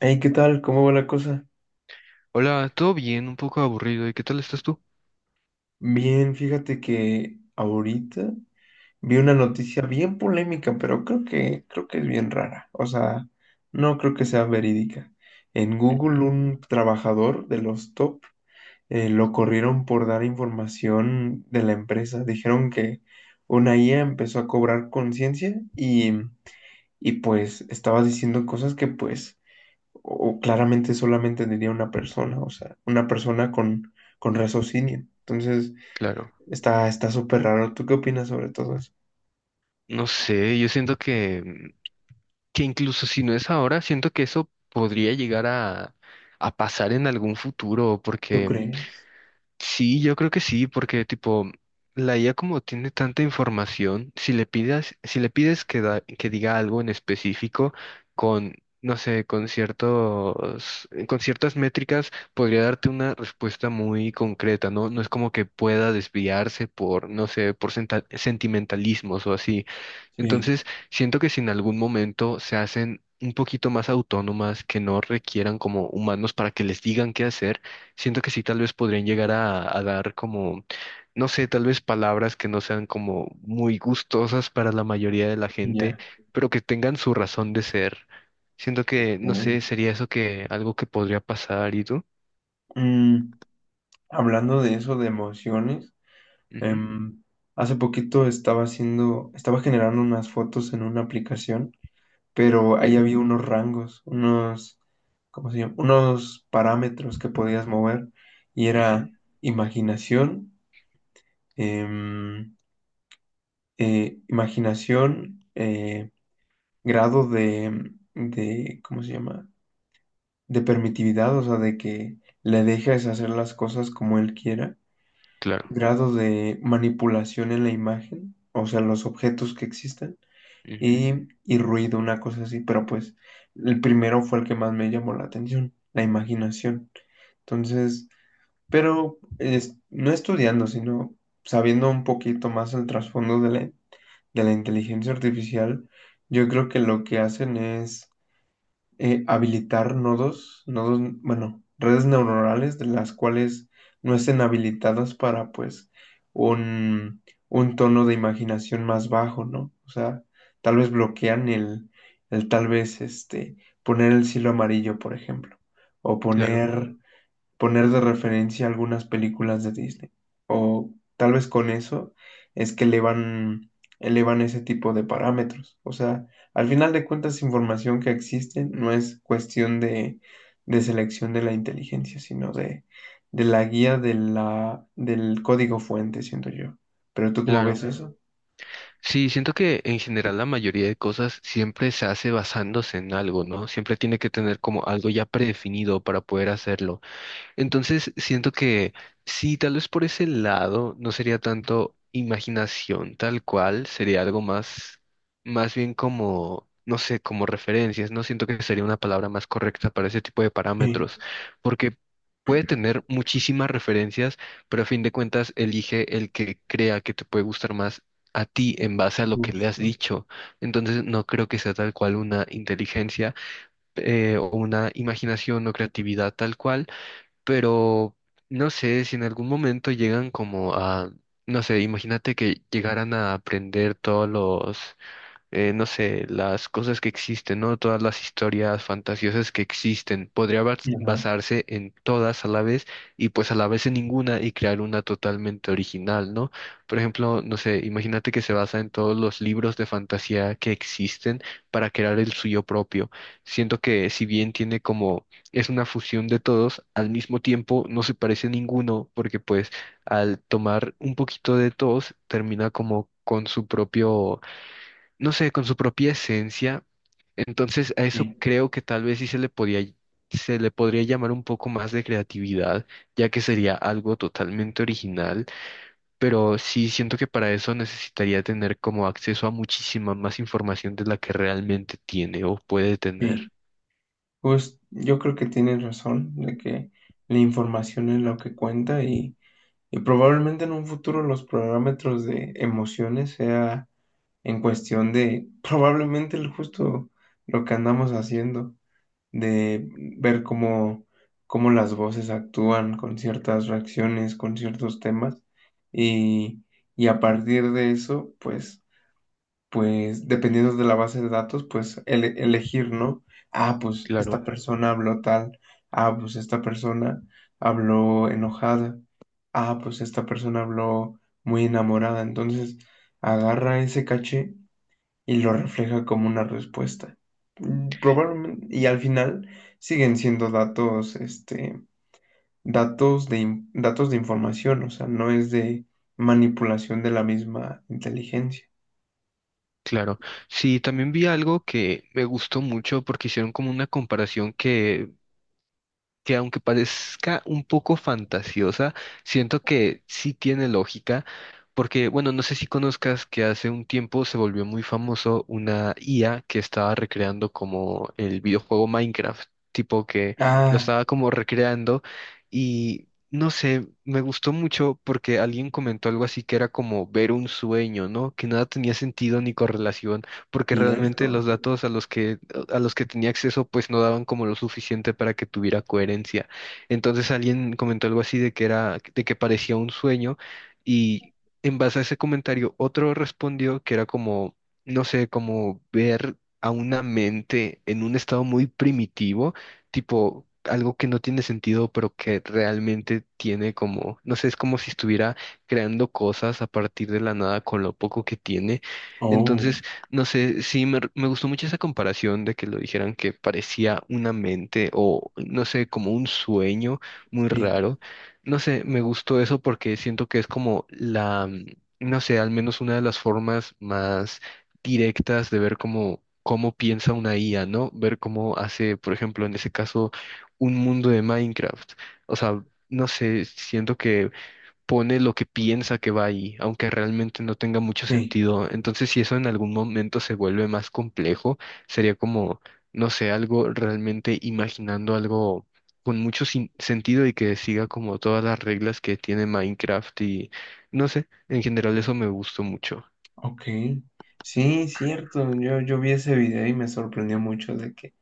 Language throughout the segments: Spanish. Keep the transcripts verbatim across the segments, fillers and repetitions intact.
Hey, ¿qué tal? ¿Cómo va la cosa? Hola, ¿todo bien? Un poco aburrido. ¿Y qué tal estás tú? Bien, fíjate que ahorita vi una noticia bien polémica, pero creo que creo que es bien rara. O sea, no creo que sea verídica. En Google, Ujú. un trabajador de los top eh, lo corrieron por dar información de la empresa. Dijeron que una I A empezó a cobrar conciencia y, y pues estaba diciendo cosas que pues o claramente solamente diría una persona, o sea, una persona con, con raciocinio. Entonces, Claro. está, está súper raro. ¿Tú qué opinas sobre todo eso? No sé, yo siento que, mm, que incluso si no es ahora, siento que eso podría llegar a, a pasar en algún futuro, ¿Tú porque crees? sí, yo creo que sí, porque tipo, la I A como tiene tanta información, si le pidas, si le pides que, da- que diga algo en específico con, no sé, con ciertos, con ciertas métricas, podría darte una respuesta muy concreta, ¿no? No es como que pueda desviarse por, no sé, por senta- sentimentalismos o así. Sí, Entonces, siento que si en algún momento se hacen un poquito más autónomas, que no requieran como humanos para que les digan qué hacer. Siento que sí, tal vez podrían llegar a, a dar como, no sé, tal vez palabras que no sean como muy gustosas para la mayoría de la gente, ya, pero que tengan su razón de ser. Siento que, no sé, sí. sería eso, que algo que podría pasar, ¿y tú? Mm, hablando de eso, de emociones, Ujú, em, hace poquito estaba haciendo, estaba generando unas fotos en una aplicación, pero ahí ok, había unos rangos, unos, ¿cómo se llama? Unos parámetros que podías mover y ujú, era imaginación, em, eh, imaginación, eh, grado de, de, ¿cómo se llama? De permitividad, o sea, de que le dejes hacer las cosas como él quiera, claro. grado de manipulación en la imagen, o sea, los objetos que existen, Ujú, y, y ruido, una cosa así, pero pues el primero fue el que más me llamó la atención, la imaginación. Entonces, pero es- no estudiando, sino sabiendo un poquito más el trasfondo de la, de la inteligencia artificial, yo creo que lo que hacen es eh, habilitar nodos, nodos, bueno, redes neuronales de las cuales no estén habilitadas para pues un, un tono de imaginación más bajo, ¿no? O sea, tal vez bloquean el, el tal vez este, poner el cielo amarillo, por ejemplo, o mm, claro, poner poner de referencia algunas películas de Disney. O tal vez con eso es que elevan, elevan ese tipo de parámetros. O sea, al final de cuentas, información que existe no es cuestión de, de selección de la inteligencia, sino de, de la guía de la, del código fuente, siento yo. ¿Pero tú cómo ves claro. eso? Sí, siento que en general la mayoría de cosas siempre se hace basándose en algo, ¿no? Siempre tiene que tener como algo ya predefinido para poder hacerlo. Entonces, siento que sí, tal vez por ese lado no sería tanto imaginación tal cual, sería algo más, más bien como, no sé, como referencias, no siento que sería una palabra más correcta para ese tipo de Sí, parámetros, porque puede tener muchísimas referencias, pero a fin de cuentas elige el que crea que te puede gustar más a ti en base a lo que le has justo. dicho. Entonces, no creo que sea tal cual una inteligencia, eh, o una imaginación o creatividad tal cual, pero no sé si en algún momento llegan como a, no sé, imagínate que llegaran a aprender todos los eh, no sé, las cosas que existen, ¿no? Todas las historias fantasiosas que existen. Podría bas- Ajá, basarse en todas a la vez y pues a la vez en ninguna y crear una totalmente original, ¿no? Por ejemplo, no sé, imagínate que se basa en todos los libros de fantasía que existen para crear el suyo propio. Siento que si bien tiene como, es una fusión de todos, al mismo tiempo no se parece a ninguno porque pues al tomar un poquito de todos termina como con su propio, no sé, con su propia esencia. Entonces, a eso sí, creo que tal vez sí se le podía, se le podría llamar un poco más de creatividad, ya que sería algo totalmente original, pero sí siento que para eso necesitaría tener como acceso a muchísima más información de la que realmente tiene o puede sí. tener. Pues yo creo que tienes razón de que la información es lo que cuenta y Y probablemente en un futuro los parámetros de emociones sea en cuestión de probablemente el justo lo que andamos haciendo, de ver cómo, cómo las voces actúan con ciertas reacciones, con ciertos temas, y, y a partir de eso, pues, pues, dependiendo de la base de datos, pues ele- elegir, ¿no? Ah, pues esta Claro, persona habló tal, ah, pues esta persona habló enojada, ah, pues esta persona habló muy enamorada, entonces agarra ese caché y lo refleja como una respuesta. Mm, probablemente, y al final siguen siendo datos, este, datos de, in- datos de información, o sea, no es de manipulación de la misma inteligencia. claro. Sí, también vi algo que me gustó mucho porque hicieron como una comparación que que aunque parezca un poco fantasiosa, siento que sí tiene lógica, porque, bueno, no sé si conozcas que hace un tiempo se volvió muy famoso una I A que estaba recreando como el videojuego Minecraft, tipo que lo Ah, estaba como recreando y... No sé, me gustó mucho porque alguien comentó algo así que era como ver un sueño, ¿no? Que nada tenía sentido ni correlación, porque realmente cierto. los datos a los que lo- a los que tenía acceso pues no daban como lo suficiente para que tuviera coherencia. Entonces alguien comentó algo así de que era, de que parecía un sueño y en base a ese comentario otro respondió que era como, no sé, como ver a una mente en un estado muy primitivo, tipo algo que no tiene sentido, pero que realmente tiene como, no sé, es como si estuviera creando cosas a partir de la nada con lo poco que tiene. Oh, Entonces, no sé, sí, me, me gustó mucho esa comparación de que lo dijeran que parecía una mente o, no sé, como un sueño muy sí, raro. No sé, me gustó eso porque siento que es como la, mm, no sé, al menos una de las formas más directas de ver cómo, cómo piensa una I A, ¿no? Ver cómo hace, por ejemplo, en ese caso, un mundo de Minecraft. O sea, no sé, siento que pone lo que piensa que va ahí, aunque realmente no tenga mucho sí, sentido. Entonces, si eso en algún momento se vuelve más complejo, sería como, no sé, algo realmente imaginando algo con mucho sin- sentido y que siga como todas las reglas que tiene Minecraft y no sé, en general eso me gustó mucho. ok. Sí, cierto. Yo, yo vi ese video y me sorprendió mucho de que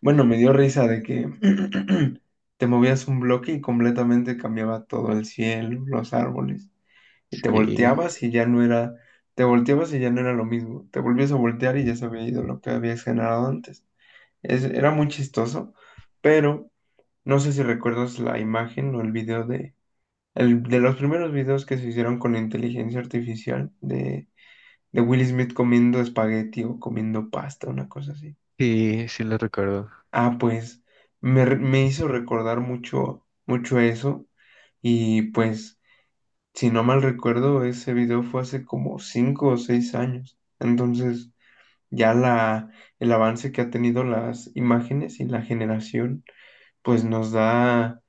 bueno, me dio risa de que te movías un bloque y completamente cambiaba todo el cielo, los árboles. Y te Sí, volteabas y ya no era, te volteabas y ya no era lo mismo. Te volvías a voltear y ya se había ido lo que habías generado antes. Es- era muy chistoso, pero no sé si recuerdas la imagen o el video de, el, de los primeros videos que se hicieron con inteligencia artificial de, de Will Smith comiendo espagueti o comiendo pasta, una cosa así. sí, sí lo recuerdo. Ah, pues me, re- me hizo recordar mucho, mucho eso. Y pues, si no mal recuerdo, ese video fue hace como cinco o seis años. Entonces, ya la, el avance que ha tenido las imágenes y la generación, pues nos da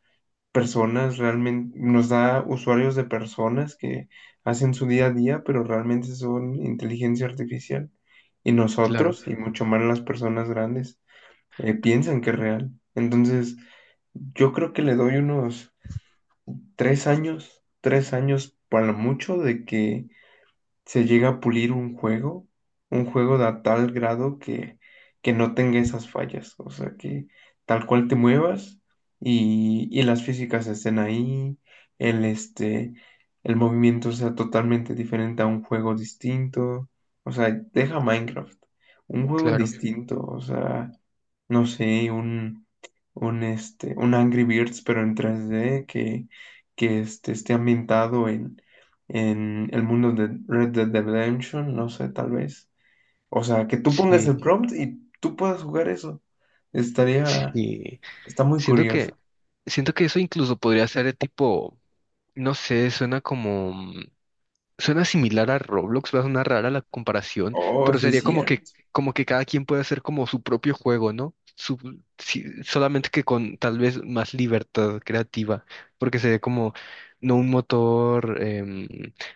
personas realmente, nos da usuarios de personas que hacen su día a día, pero realmente son inteligencia artificial. Y Claro, nosotros, y mucho más las personas grandes, eh, piensan que es real. Entonces, yo creo que le doy unos tres años, tres años para lo mucho de que se llega a pulir un juego, un juego de a tal grado que, que no tenga esas fallas, o sea, que tal cual te muevas y, y las físicas estén ahí, el, este, el movimiento sea totalmente diferente a un juego distinto, o sea, deja Minecraft, un juego claro. distinto, o sea, no sé, un, un, este, un Angry Birds, pero en tres d que, que este, esté ambientado en el mundo de Red Dead Redemption, no sé, tal vez. O sea, que tú pongas el Sí, prompt y tú puedas jugar eso. Estaría, sí. está muy Siento que, curioso. siento que eso incluso podría ser de tipo, no sé, suena como suena similar a Roblox, va a sonar rara la comparación, Oh, pero sí, sería como que, cierto. como que cada quien puede hacer como su propio juego, ¿no? Su- sí, solamente que con tal vez más libertad creativa, porque sería como no un motor, em,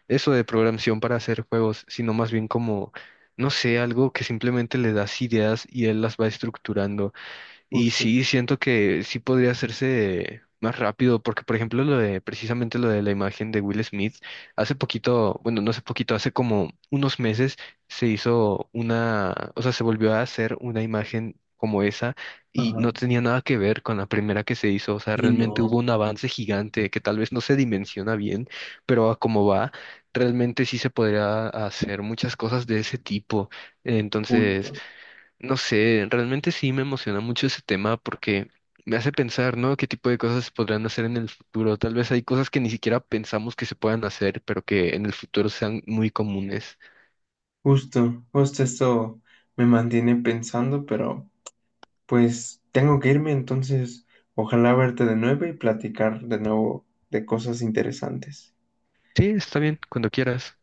eso de programación para hacer juegos, sino más bien como, no sé, algo que simplemente le das ideas y él las va estructurando. Y Justo. sí, siento que sí podría hacerse más rápido, porque por ejemplo lo de, precisamente lo de la imagen de Will Smith, hace poquito, bueno, no hace poquito, hace como unos meses se hizo una, o sea, se volvió a hacer una imagen como esa y Ajá. no tenía nada que ver con la primera que se hizo, o sea, Sí, realmente no, hubo un avance gigante que tal vez no se dimensiona bien, pero a como va, realmente sí se podría hacer muchas cosas de ese tipo. Entonces... justo. No sé, realmente sí me emociona mucho ese tema porque me hace pensar, ¿no? ¿Qué tipo de cosas se podrán hacer en el futuro? Tal vez hay cosas que ni siquiera pensamos que se puedan hacer, pero que en el futuro sean muy comunes. Justo, justo esto me mantiene pensando, pero pues tengo que irme, entonces ojalá verte de nuevo y platicar de nuevo de cosas interesantes. Sí, está bien, cuando quieras.